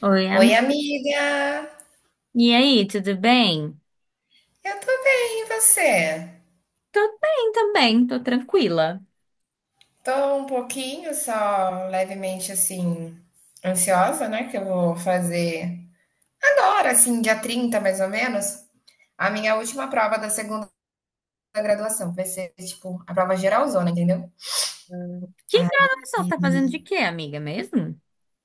Oi, Oi, amiga. amiga! E aí, tudo bem? Eu tô bem, e você? Tô bem também, tô tranquila. Tô um pouquinho, só levemente assim, ansiosa, né? Que eu vou fazer agora, assim, dia 30 mais ou menos, a minha última prova da segunda graduação. Vai ser, tipo, a prova geralzona, entendeu? Que Aí gravação você tá fazendo de quê, amiga, mesmo?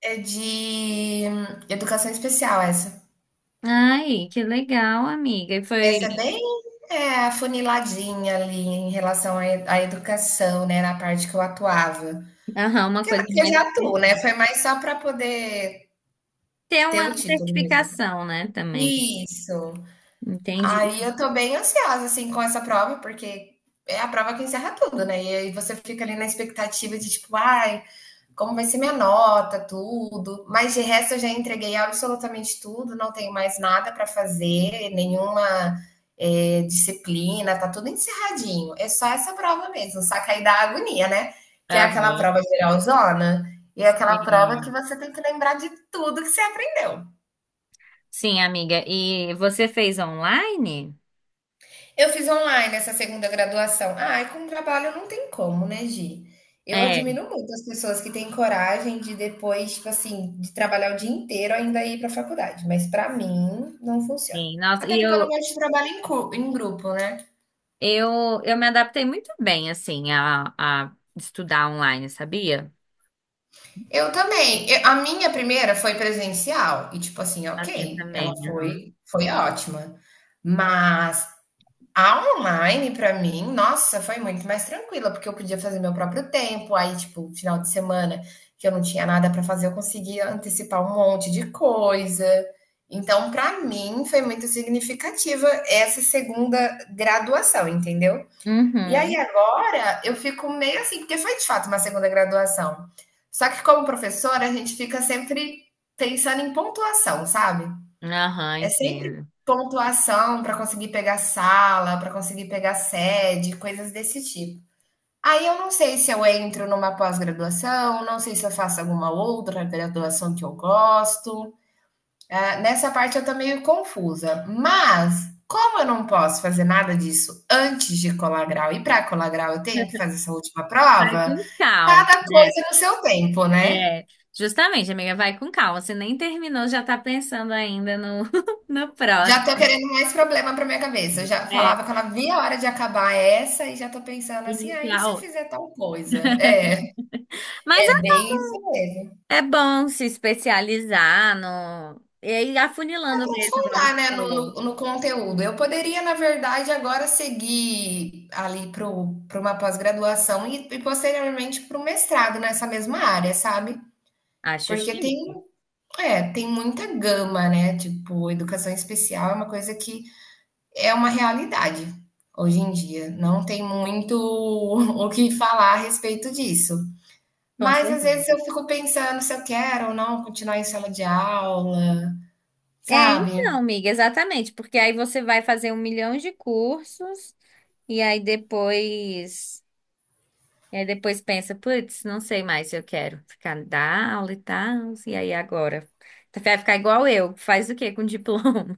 é de educação especial essa. Ai, que legal, amiga. E foi, Essa é bem afuniladinha ali em relação à à educação, né? Na parte que eu atuava. aham, uma Porque coisa eu mais... já atuo, né? Foi mais só para poder Ter ter uma o título mesmo. certificação, né, também. Isso. Entendi. Aí eu tô bem ansiosa, assim, com essa prova, porque é a prova que encerra tudo, né? E aí você fica ali na expectativa de, tipo, ai, como vai ser minha nota, tudo. Mas de resto eu já entreguei absolutamente tudo, não tenho mais nada para fazer, nenhuma disciplina, tá tudo encerradinho. É só essa prova mesmo, só cair da agonia, né? Que é Aham, aquela prova geralzona, e é aquela prova que sim. você tem que lembrar de tudo que você aprendeu. Sim, amiga. E você fez online? Eu fiz online essa segunda graduação. Ah, e com trabalho não tem como, né, Gi? Eu É, admiro muito as pessoas que têm coragem de depois, tipo assim, de trabalhar o dia inteiro ainda ir para a faculdade. Mas para mim não funciona. sim. Nossa, Até e porque eu não eu, gosto de trabalho em, em grupo, né? eu, eu me adaptei muito bem, assim, a estudar online, sabia? Eu também. A minha primeira foi presencial e tipo assim, A minha ok, ela também, aham. foi ótima. Mas a online, pra mim, nossa, foi muito mais tranquila, porque eu podia fazer meu próprio tempo. Aí, tipo, final de semana que eu não tinha nada pra fazer, eu conseguia antecipar um monte de coisa. Então, pra mim, foi muito significativa essa segunda graduação, entendeu? E aí Uhum. agora eu fico meio assim, porque foi de fato uma segunda graduação. Só que como professora, a gente fica sempre pensando em pontuação, sabe? Aham, É sempre entendo. pontuação para conseguir pegar sala, para conseguir pegar sede, coisas desse tipo. Aí eu não sei se eu entro numa pós-graduação, não sei se eu faço alguma outra graduação que eu gosto. Ah, nessa parte eu tô meio confusa. Mas, como eu não posso fazer nada disso antes de colar grau, e para colar grau eu tenho que fazer essa última Vai prova, com calma, cada né? coisa no seu tempo, né? É, justamente, amiga, vai com calma. Você nem terminou, já tá pensando ainda no, no Já tô próximo. querendo mais problema pra minha cabeça. Eu já É, falava que eu não via a hora de acabar essa e já tô pensando assim: "Ah, e iniciar se eu outro. fizer tal coisa?". É, Mas é bem isso mesmo. é, é bom se especializar no. E aí, Pra afunilando mesmo, igual você aprofundar, né, no falou. no no conteúdo. Eu poderia, na verdade, agora seguir ali pro o uma pós-graduação e posteriormente pro mestrado nessa mesma área, sabe. Acho Porque tem chique, é, tem muita gama, né, tipo, educação especial é uma coisa que é uma realidade hoje em dia. Não tem muito o que falar a respeito disso. com Mas às certeza. vezes eu fico pensando se eu quero ou não continuar em sala de aula, É, sabe? então, amiga, exatamente, porque aí você vai fazer um milhão de cursos e aí depois. E aí depois pensa, putz, não sei mais se eu quero ficar dar aula e tal. E aí agora? Tu vai ficar igual eu, faz o quê com diploma?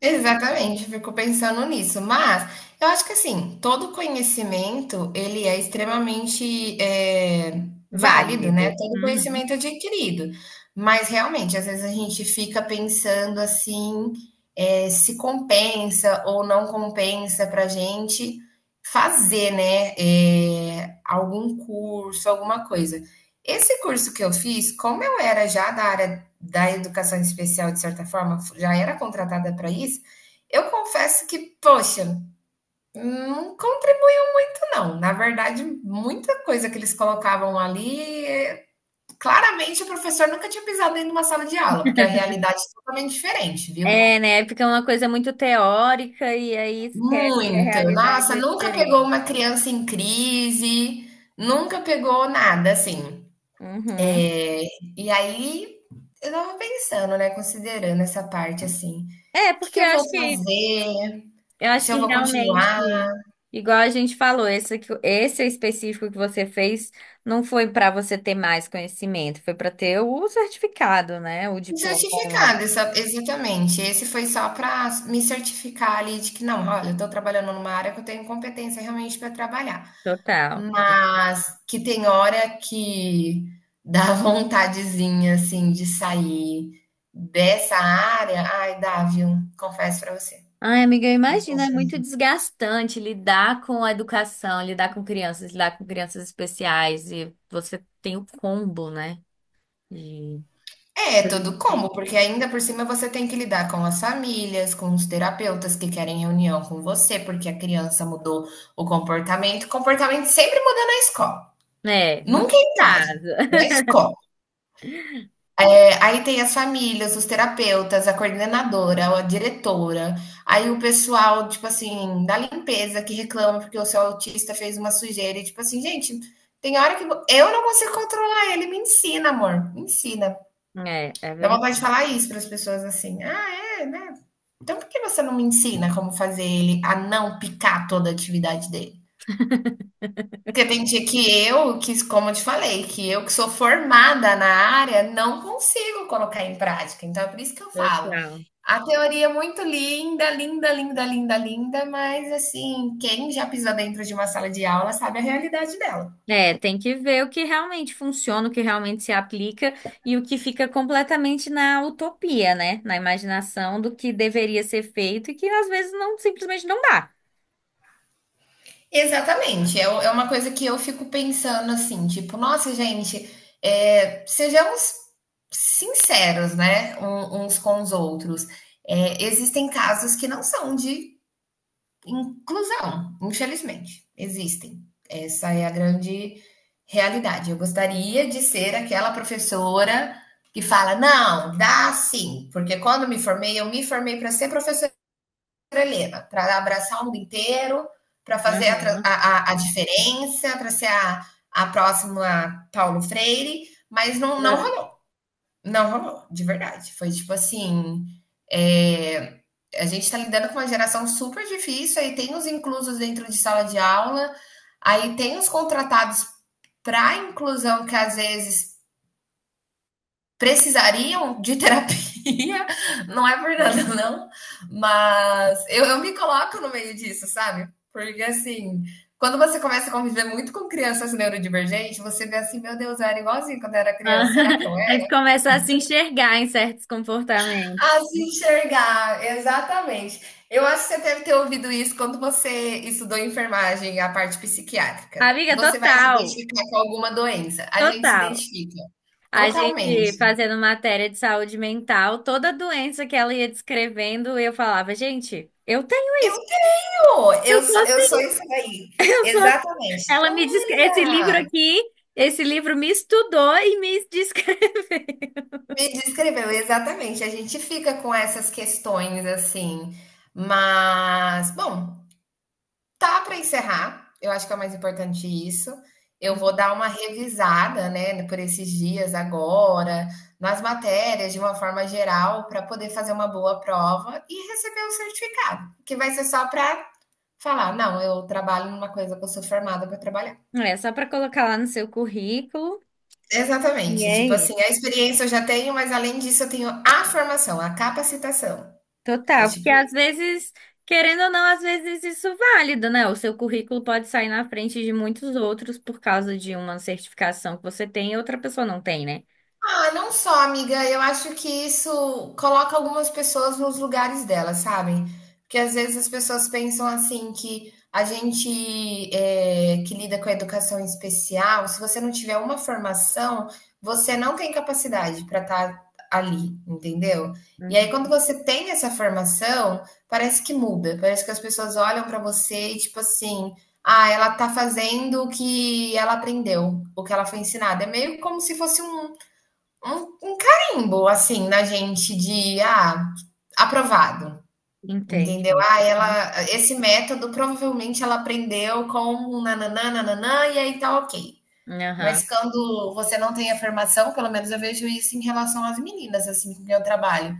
Exatamente, eu fico pensando nisso, mas eu acho que assim, todo conhecimento ele é extremamente válido, Válido. né? Todo Uhum. conhecimento é adquirido, mas realmente às vezes a gente fica pensando assim, se compensa ou não compensa para gente fazer, né? Algum curso, alguma coisa. Esse curso que eu fiz, como eu era já da área da educação especial, de certa forma, já era contratada para isso, eu confesso que, poxa, não contribui muito, não. Na verdade, muita coisa que eles colocavam ali, claramente o professor nunca tinha pisado dentro de uma sala de aula, porque a realidade é totalmente diferente, viu? É, né? Fica uma coisa muito teórica e aí esquece que a Muito. realidade Nossa, é nunca pegou diferente. uma criança em crise, nunca pegou nada, assim. Uhum. É, e aí, eu tava pensando, né, considerando essa parte, assim. É, Que porque eu eu vou acho que fazer? Se eu vou realmente, continuar? igual a gente falou, esse, aqui- esse específico que você fez não foi para você ter mais conhecimento, foi para ter o certificado, né? O Me diploma lá. certificar dessa exatamente. Esse foi só para me certificar ali de que não, olha, eu estou trabalhando numa área que eu tenho competência realmente para trabalhar, Total. mas que tem hora que dá vontadezinha, assim, de sair dessa área. Ai, dá, viu? Confesso para você. Ai, amiga, eu imagino, Confesso é muito desgastante lidar com a educação, lidar com crianças especiais, e você tem o combo, né? É, todo De- combo, porque ainda por cima você tem que lidar com as famílias, com os terapeutas que querem reunião com você, porque a criança mudou o comportamento. Comportamento sempre muda na escola, é, nunca nunca é é em casa, casa. na escola. É, aí tem as famílias, os terapeutas, a coordenadora, a diretora, aí o pessoal, tipo assim, da limpeza que reclama porque o seu autista fez uma sujeira, e tipo assim, gente, tem hora que eu não consigo controlar ele, me ensina, amor, me ensina. É, é Dá verdade. vontade de falar isso para as pessoas assim. Ah, é, né? Então por que você não me ensina como fazer ele a não picar toda a atividade dele? Porque tem dia que eu, que, como eu te falei, que eu que sou formada na área, não consigo colocar em prática. Então é por isso que eu falo. Total. A teoria é muito linda, linda, linda, linda, linda, mas assim, quem já pisou dentro de uma sala de aula sabe a realidade dela. É, tem que ver o que realmente funciona, o que realmente se aplica e o que fica completamente na utopia, né? Na imaginação do que deveria ser feito e que às vezes não simplesmente não dá. Exatamente, é u é uma coisa que eu fico pensando, assim, tipo: "Nossa, gente, sejamos sinceros, né, uns com os outros". Existem casos que não são de inclusão, infelizmente, existem. Essa é a grande realidade. Eu gostaria de ser aquela professora que fala: "Não, dá sim, porque quando me formei, eu me formei para ser professora". Helena, para abraçar o mundo inteiro, para fazer a, Aham. a, a, a diferença, para ser a próxima Paulo Freire, mas não, não rolou, não rolou, de verdade. Foi tipo assim. É, a gente está lidando com uma geração super difícil, aí tem os inclusos dentro de sala de aula, aí tem os contratados para inclusão que às vezes precisariam de terapia, não é por nada, não, mas eu me coloco no meio disso, sabe? Porque assim, quando você começa a conviver muito com crianças neurodivergentes, você vê assim, meu Deus, eu era igualzinho quando eu era Ah, criança, será que eu a gente era? começa a se enxergar em certos comportamentos. A se enxergar, exatamente. Eu acho que você deve ter ouvido isso quando você estudou enfermagem, a parte psiquiátrica. Amiga, Você vai se total, identificar com alguma doença. A gente se total. identifica A totalmente. gente fazendo matéria de saúde mental, toda doença que ela ia descrevendo, eu falava, gente, eu tenho, Eu Pô, eu eu sou sou, eu sou assim, isso daí. eu sou. Assim." Exatamente. Ela me descreve, esse livro Olha, aqui, esse livro me estudou e me descreveu. me descreveu, exatamente. A gente fica com essas questões assim, mas bom, tá para encerrar. Eu acho que é o mais importante isso. Eu vou dar uma revisada, né, por esses dias agora, nas matérias de uma forma geral, para poder fazer uma boa prova e receber o certificado, que vai ser só para falar, não, eu trabalho numa coisa que eu sou formada para trabalhar. É só para colocar lá no seu currículo. E Exatamente, tipo aí? assim, a experiência eu já tenho, mas além disso eu tenho a formação, a capacitação. É Total, porque tipo às vezes, querendo ou não, às vezes isso é válido, né? O seu currículo pode sair na frente de muitos outros por causa de uma certificação que você tem e outra pessoa não tem, né? Ah, não só, amiga. Eu acho que isso coloca algumas pessoas nos lugares delas, sabe? Porque às vezes as pessoas pensam assim que a gente é, que lida com a educação especial, se você não tiver uma formação, você não tem capacidade para estar ali, entendeu? E aí, quando Uhum. você tem essa formação, parece que muda, parece que as pessoas olham para você e tipo assim, ah, ela tá fazendo o que ela aprendeu, o que ela foi ensinada. É meio como se fosse um carimbo, assim, na gente de, ah, aprovado, entendeu? Entendi. Ah, ela, esse método provavelmente ela aprendeu com um nananã, nananã, e aí tá ok. Uhum. Aham. Mas quando você não tem afirmação, pelo menos eu vejo isso em relação às meninas, assim, com quem eu trabalho.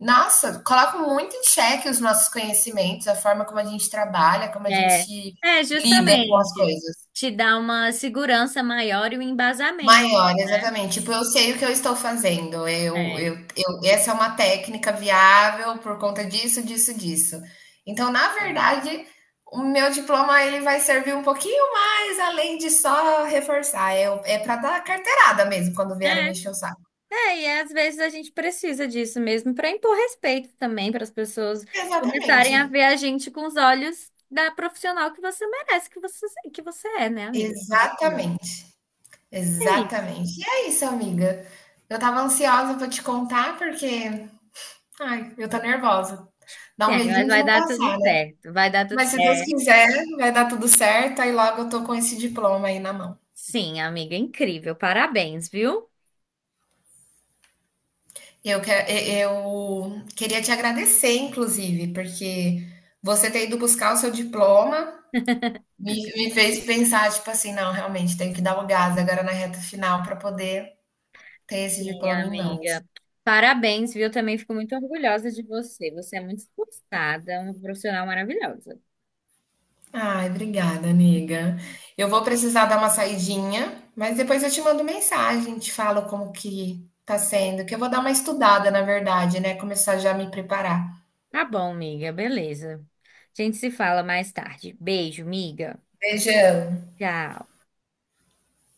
Nossa, coloca muito em xeque os nossos conhecimentos, a forma como a gente trabalha, como a É, gente é lida com as justamente coisas. te dá uma segurança maior e um embasamento, Maior, né? exatamente. Tipo, eu sei o que eu estou fazendo. É. Essa é uma técnica viável por conta disso, disso, disso. Então, na verdade, o meu diploma ele vai servir um pouquinho mais além de só reforçar. É, é para dar carteirada mesmo quando vierem me É. encher o saco. É, e às vezes a gente precisa disso mesmo para impor respeito também, para as pessoas Exatamente. começarem a ver a gente com os olhos da profissional que você merece, que você é, né, amiga? Exatamente. É isso. Exatamente. E é isso, amiga. Eu tava ansiosa para te contar porque, ai, eu tô nervosa. Dá um Sim, mas medinho de vai não dar tudo passar. certo. Vai dar tudo Mas se Deus certo. quiser, vai dar tudo certo, aí logo eu tô com esse diploma aí na mão. Sim, amiga, incrível. Parabéns, viu? Eu, que- eu queria te agradecer, inclusive, porque você ter ido buscar o seu diploma me fez pensar, tipo assim, não, realmente, tenho que dar o gás agora na reta final para poder ter esse Sim, diploma em mãos. amiga. Parabéns, viu? Também fico muito orgulhosa de você. Você é muito esforçada, uma profissional maravilhosa. Ai, obrigada, amiga. Eu vou precisar dar uma saidinha, mas depois eu te mando mensagem, te falo como que tá sendo, que eu vou dar uma estudada, na verdade, né? Começar já a me preparar. Tá bom, amiga, beleza. A gente se fala mais tarde. Beijo, amiga. Beijão. Tchau.